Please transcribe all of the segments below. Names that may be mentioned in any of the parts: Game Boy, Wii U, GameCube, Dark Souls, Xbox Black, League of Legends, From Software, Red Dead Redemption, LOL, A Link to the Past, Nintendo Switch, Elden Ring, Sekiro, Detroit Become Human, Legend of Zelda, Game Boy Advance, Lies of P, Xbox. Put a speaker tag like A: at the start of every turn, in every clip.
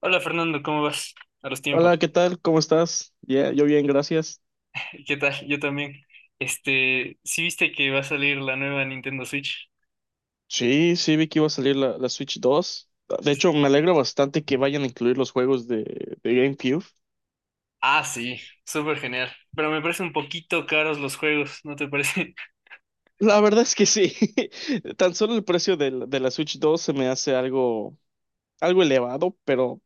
A: Hola Fernando, ¿cómo vas? A los
B: Hola,
A: tiempos.
B: ¿qué tal? ¿Cómo estás? Ya, yo bien, gracias.
A: ¿Qué tal? Yo también. ¿Sí viste que va a salir la nueva Nintendo Switch?
B: Sí, sí, vi que iba a salir la Switch 2. De hecho, me alegra bastante que vayan a incluir los juegos de GameCube.
A: Ah, sí, súper genial. Pero me parece un poquito caros los juegos, ¿no te parece?
B: La verdad es que sí. Tan solo el precio de, de la Switch 2 se me hace algo, algo elevado, pero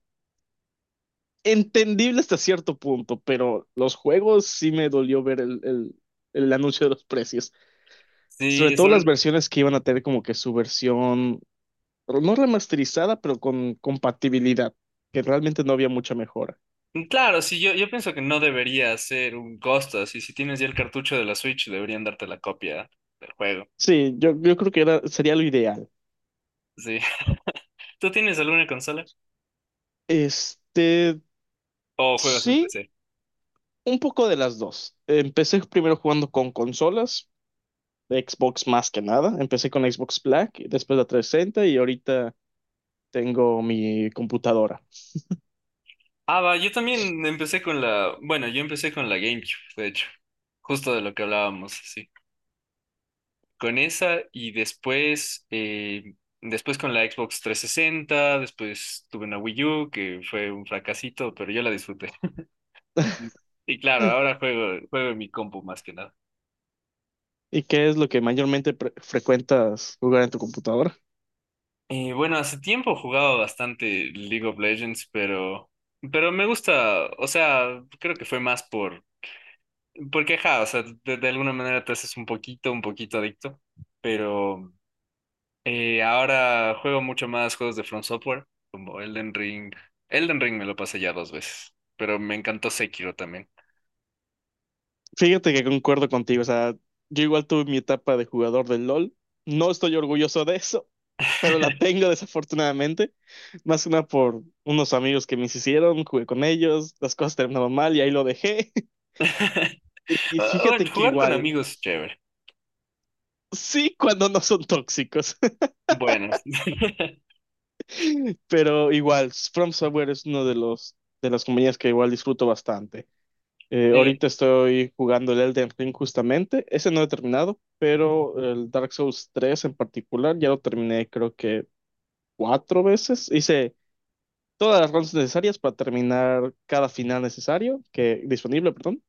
B: entendible hasta cierto punto. Pero los juegos sí me dolió ver el anuncio de los precios. Sobre
A: Sí,
B: todo las
A: sobre...
B: versiones que iban a tener como que su versión, pero no remasterizada, pero con compatibilidad, que realmente no había mucha mejora.
A: Claro, sí, yo pienso que no debería ser un costo, así si tienes ya el cartucho de la Switch, deberían darte la copia del juego.
B: Sí, yo creo que era, sería lo ideal.
A: Sí. ¿Tú tienes alguna consola?
B: Este,
A: ¿O juegas en
B: sí,
A: PC?
B: un poco de las dos. Empecé primero jugando con consolas, de Xbox más que nada. Empecé con Xbox Black, después la 360 y ahorita tengo mi computadora.
A: Ah, va, yo también empecé con la... Bueno, yo empecé con la GameCube, de hecho. Justo de lo que hablábamos, con esa y después, después con la Xbox 360. Después tuve una Wii U que fue un fracasito, pero yo la disfruté. Y claro, juego en mi compu más que nada.
B: ¿Y qué es lo que mayormente frecuentas jugar en tu computadora?
A: Y bueno, hace tiempo jugaba bastante League of Legends, pero me gusta, o sea, creo que fue más porque, ja, o sea, de alguna manera te haces un poquito adicto, pero, y ahora juego mucho más juegos de From Software, como Elden Ring. Elden Ring me lo pasé ya dos veces, pero me encantó Sekiro también.
B: Fíjate que concuerdo contigo, o sea, yo igual tuve mi etapa de jugador del LOL. No estoy orgulloso de eso, pero la tengo desafortunadamente. Más una por unos amigos que me hicieron, jugué con ellos, las cosas terminaron mal y ahí lo dejé. Y
A: Ah, bueno,
B: fíjate que
A: jugar con
B: igual,
A: amigos es chévere.
B: sí cuando no son tóxicos.
A: Bueno.
B: Pero igual, From Software es uno de los de las compañías que igual disfruto bastante.
A: Eh,
B: Ahorita estoy jugando el Elden Ring justamente, ese no he terminado, pero el Dark Souls tres en particular ya lo terminé creo que cuatro veces. Hice todas las rondas necesarias para terminar cada final necesario, que disponible, perdón.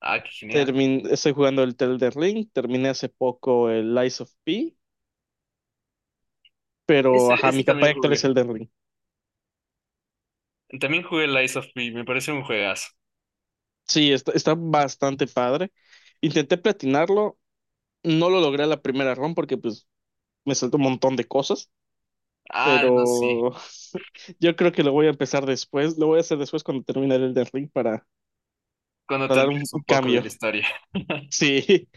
A: ah, qué genial.
B: Estoy jugando el Tel Ring, terminé hace poco el Lies of P, pero
A: Ese,
B: ajá, mi
A: ese
B: capa
A: también
B: actual es
A: jugué.
B: el de Ring.
A: También jugué Lies of P, me parece un juegazo.
B: Sí, está, está bastante padre. Intenté platinarlo, no lo logré a la primera run porque pues me saltó un montón de cosas,
A: Ah, no, sí.
B: pero yo creo que lo voy a empezar después, lo voy a hacer después cuando termine el Elden Ring
A: Cuando te
B: para dar un,
A: olvides un
B: un
A: poco de
B: cambio.
A: la historia.
B: Sí,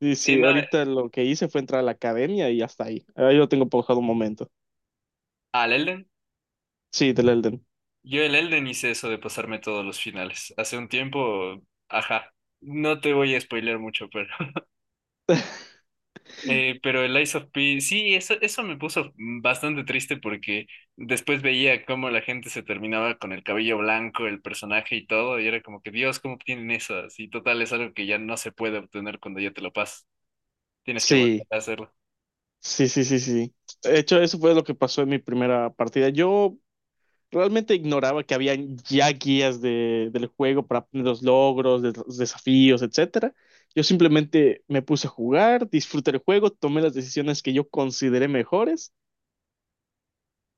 B: sí,
A: Sí,
B: sí,
A: no,
B: ahorita lo que hice fue entrar a la academia y hasta ahí. Ahí lo tengo pausado un momento.
A: al Elden.
B: Sí, del Elden.
A: Yo el Elden hice eso de pasarme todos los finales. Hace un tiempo, ajá. No te voy a spoilear mucho, Pero el Lies of P, sí, eso me puso bastante triste porque después veía cómo la gente se terminaba con el cabello blanco, el personaje y todo, y era como que, Dios, ¿cómo tienen eso? Así, total, es algo que ya no se puede obtener cuando ya te lo pasas. Tienes que volver
B: Sí,
A: a hacerlo.
B: sí, sí, sí, sí. De hecho, eso fue lo que pasó en mi primera partida. Yo realmente ignoraba que había ya guías de, del juego para obtener los logros, los desafíos, etcétera. Yo simplemente me puse a jugar, disfruté el juego, tomé las decisiones que yo consideré mejores.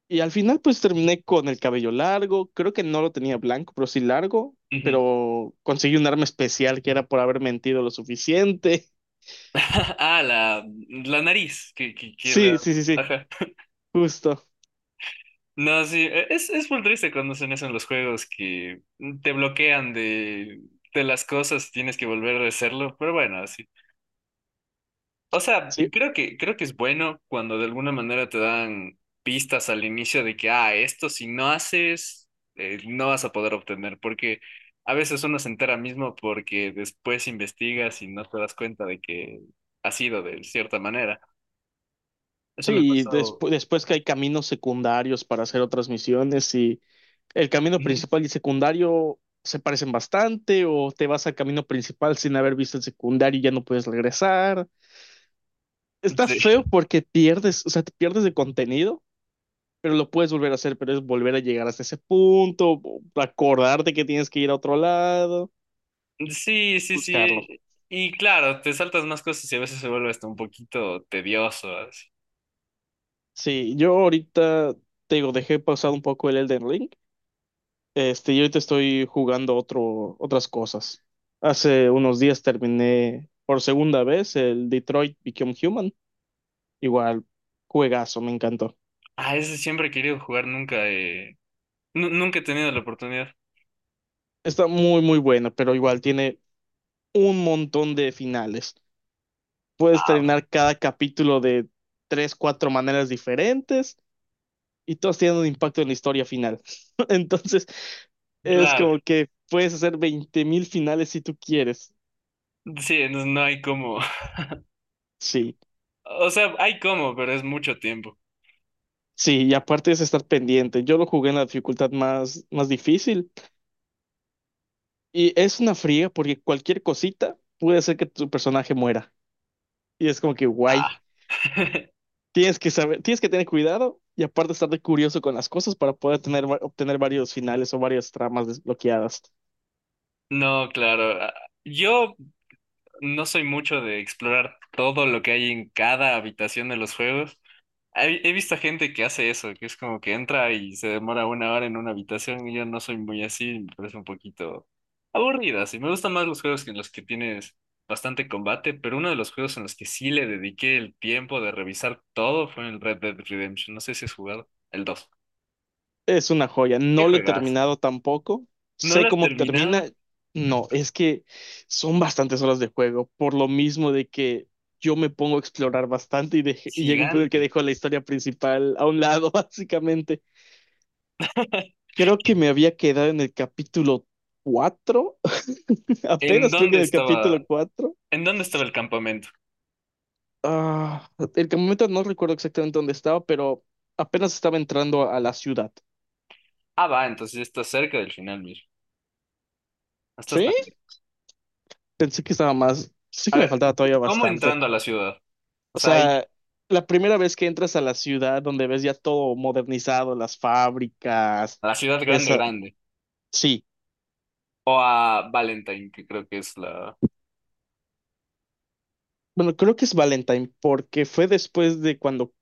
B: Y al final pues terminé con el cabello largo, creo que no lo tenía blanco, pero sí largo,
A: Ujú.
B: pero conseguí un arma especial que era por haber mentido lo suficiente.
A: Ah, la nariz, que la...
B: Sí, sí, sí, sí,
A: Ajá.
B: justo.
A: No, sí, es muy triste cuando hacen eso en los juegos, que te bloquean de las cosas, tienes que volver a hacerlo, pero bueno, así. O sea,
B: Sí,
A: creo que es bueno cuando de alguna manera te dan pistas al inicio de que, ah, esto si no haces, no vas a poder obtener, porque a veces uno se entera mismo porque después investigas y no te das cuenta de que ha sido de cierta manera. Eso me
B: sí, y
A: pasó.
B: después que hay caminos secundarios para hacer otras misiones y el camino
A: Ujú.
B: principal y secundario se parecen bastante o te vas al camino principal sin haber visto el secundario y ya no puedes regresar. Está
A: Sí,
B: feo porque pierdes, o sea, te pierdes de contenido, pero lo puedes volver a hacer, pero es volver a llegar hasta ese punto, acordarte que tienes que ir a otro lado,
A: sí, sí, sí,
B: buscarlo.
A: y claro, te saltas más cosas y a veces se vuelve hasta un poquito tedioso. Así.
B: Sí, yo ahorita, te digo, dejé pausado un poco el Elden Ring. Este, yo ahorita estoy jugando otro, otras cosas. Hace unos días terminé por segunda vez el Detroit Become Human. Igual, juegazo, me encantó.
A: Ah, ese siempre he querido jugar, nunca he, nunca he tenido la oportunidad.
B: Está muy, muy bueno, pero igual tiene un montón de finales. Puedes
A: Ah,
B: terminar cada capítulo de tres, cuatro maneras diferentes y todos tienen un impacto en la historia final. Entonces, es
A: claro.
B: como que puedes hacer 20.000 finales si tú quieres.
A: Sí, entonces no hay como.
B: Sí,
A: O sea, hay como, pero es mucho tiempo.
B: sí, y aparte es estar pendiente. Yo lo jugué en la dificultad más, más difícil y es una fría porque cualquier cosita puede hacer que tu personaje muera. Y es como que guay.
A: Ah,
B: Tienes que saber, tienes que tener cuidado y aparte estar de curioso con las cosas para poder tener, obtener varios finales o varias tramas desbloqueadas.
A: no, claro. Ah, yo no soy mucho de explorar todo lo que hay en cada habitación de los juegos. He visto gente que hace eso, que es como que entra y se demora una hora en una habitación y yo no soy muy así, me parece un poquito aburrida. Sí, me gustan más los juegos que en los que tienes bastante combate, pero uno de los juegos en los que sí le dediqué el tiempo de revisar todo fue el Red Dead Redemption. No sé si has jugado el dos.
B: Es una joya.
A: ¿Qué
B: No lo he
A: juegas?
B: terminado tampoco.
A: ¿No
B: Sé
A: lo has
B: cómo
A: terminado?
B: termina. No, es que son bastantes horas de juego, por lo mismo de que yo me pongo a explorar bastante y, y llega un punto en el que
A: Gigante.
B: dejo la historia principal a un lado, básicamente. Creo que me había quedado en el capítulo cuatro.
A: ¿En
B: Apenas creo que
A: dónde
B: en el capítulo
A: estaba?
B: cuatro.
A: ¿En dónde estaba el campamento?
B: Ah, el momento no recuerdo exactamente dónde estaba, pero apenas estaba entrando a la ciudad.
A: Ah, va, entonces ya estás cerca del final, mira. No estás
B: Sí,
A: tan lejos.
B: pensé que estaba más, sí
A: A
B: que me
A: ver,
B: faltaba todavía
A: ¿cómo
B: bastante.
A: entrando a la ciudad? O
B: O
A: sea, hay
B: sea, la primera vez que entras a la ciudad donde ves ya todo modernizado, las fábricas,
A: a la ciudad grande,
B: esa...
A: grande.
B: Sí,
A: O a Valentine, que creo que es la.
B: bueno, creo que es Valentine porque fue después de cuando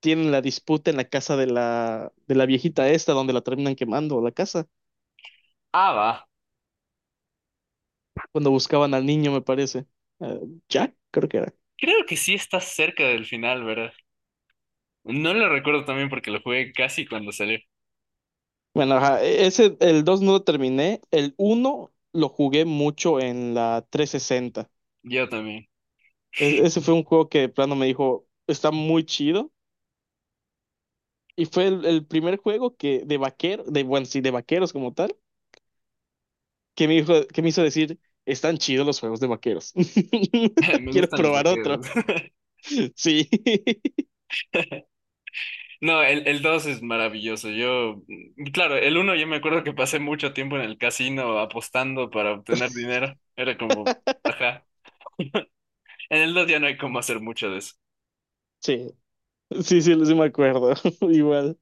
B: tienen la disputa en la casa de la viejita esta donde la terminan quemando la casa,
A: Ah, va.
B: cuando buscaban al niño, me parece. Eh, Jack, creo que era.
A: Creo que sí estás cerca del final, ¿verdad? No lo recuerdo también porque lo jugué casi cuando salió.
B: Bueno, ajá, ese, el 2 no lo terminé, el uno lo jugué mucho en la 360.
A: Yo también.
B: Ese fue un juego que de plano me dijo, está muy chido. Y fue el primer juego que de vaquero, de, bueno, sí, de vaqueros como tal, que me hizo decir, están chidos los juegos de vaqueros.
A: Me
B: Quiero
A: gustan los
B: probar otro.
A: bloqueos.
B: Sí.
A: No, el 2 es maravilloso. Yo, mm, claro, el uno yo me acuerdo que pasé mucho tiempo en el casino apostando para obtener dinero. Era como, ajá. En el 2 ya no hay cómo hacer mucho de eso.
B: Sí, sí, sí, sí me acuerdo. Igual.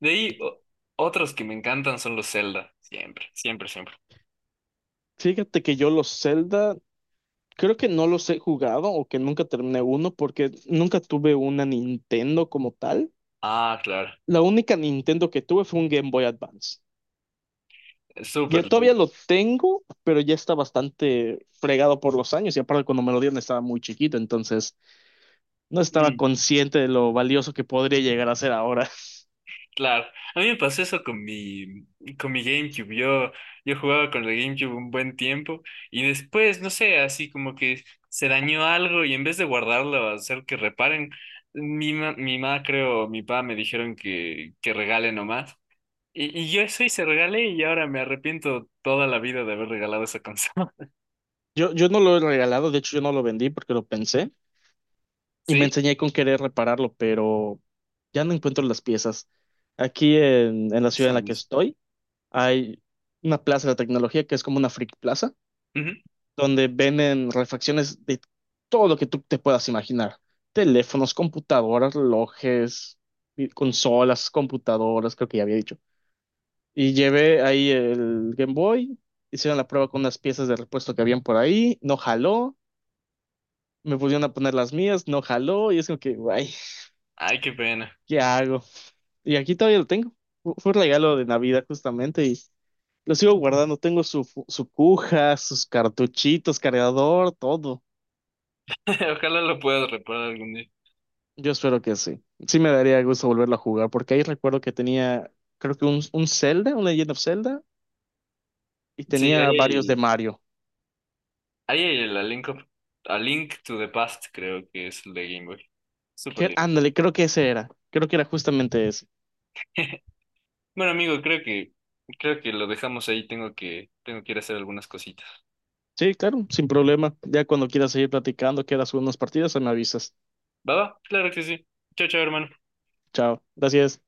A: De ahí, otros que me encantan son los Zelda. Siempre, siempre, siempre.
B: Fíjate que yo los Zelda, creo que no los he jugado o que nunca terminé uno porque nunca tuve una Nintendo como tal.
A: Ah, claro.
B: La única Nintendo que tuve fue un Game Boy Advance.
A: Es súper
B: Yo todavía
A: lindo.
B: lo tengo, pero ya está bastante fregado por los años y aparte cuando me lo dieron estaba muy chiquito, entonces no estaba
A: Mm.
B: consciente de lo valioso que podría llegar a ser ahora.
A: Claro, a mí me pasó eso con con mi GameCube. Yo jugaba con el GameCube un buen tiempo y después, no sé, así como que se dañó algo y en vez de guardarlo, hacer que reparen, mi mamá, creo, mi papá me dijeron que regale nomás. Y yo eso hice, regalé y ahora me arrepiento toda la vida de haber regalado esa consola.
B: Yo no lo he regalado, de hecho yo no lo vendí porque lo pensé y me
A: ¿Sí?
B: enseñé con querer repararlo, pero ya no encuentro las piezas. Aquí en la ciudad
A: Eso
B: en la que
A: mismo.
B: estoy hay una plaza de la tecnología que es como una freak plaza
A: Ujú.
B: donde venden refacciones de todo lo que tú te puedas imaginar. Teléfonos, computadoras, relojes, y consolas, computadoras, creo que ya había dicho. Y llevé ahí el Game Boy, hicieron la prueba con unas piezas de repuesto que habían por ahí, no jaló, me pusieron a poner las mías, no jaló, y es como que, ay,
A: Ay, qué pena.
B: ¿qué hago? Y aquí todavía lo tengo. Fue un regalo de Navidad justamente y lo sigo guardando. Tengo su, su cuja, sus cartuchitos, cargador, todo.
A: Ojalá lo puedas reparar algún día.
B: Yo espero que sí. Sí me daría gusto volverlo a jugar, porque ahí recuerdo que tenía, creo que un Zelda, un Legend of Zelda, y
A: Sí,
B: tenía varios de
A: ahí
B: Mario.
A: ahí hay el A Link to the Past, creo que es el de Game Boy. Súper
B: Que,
A: lindo.
B: ándale, creo que ese era. Creo que era justamente ese.
A: Bueno, amigo, creo que lo dejamos ahí. Tengo que ir a hacer algunas cositas.
B: Sí, claro, sin problema. Ya cuando quieras seguir platicando, quieras unas partidas, me avisas.
A: ¿Va, va? Claro que sí. Chao, chao, hermano.
B: Chao. Gracias.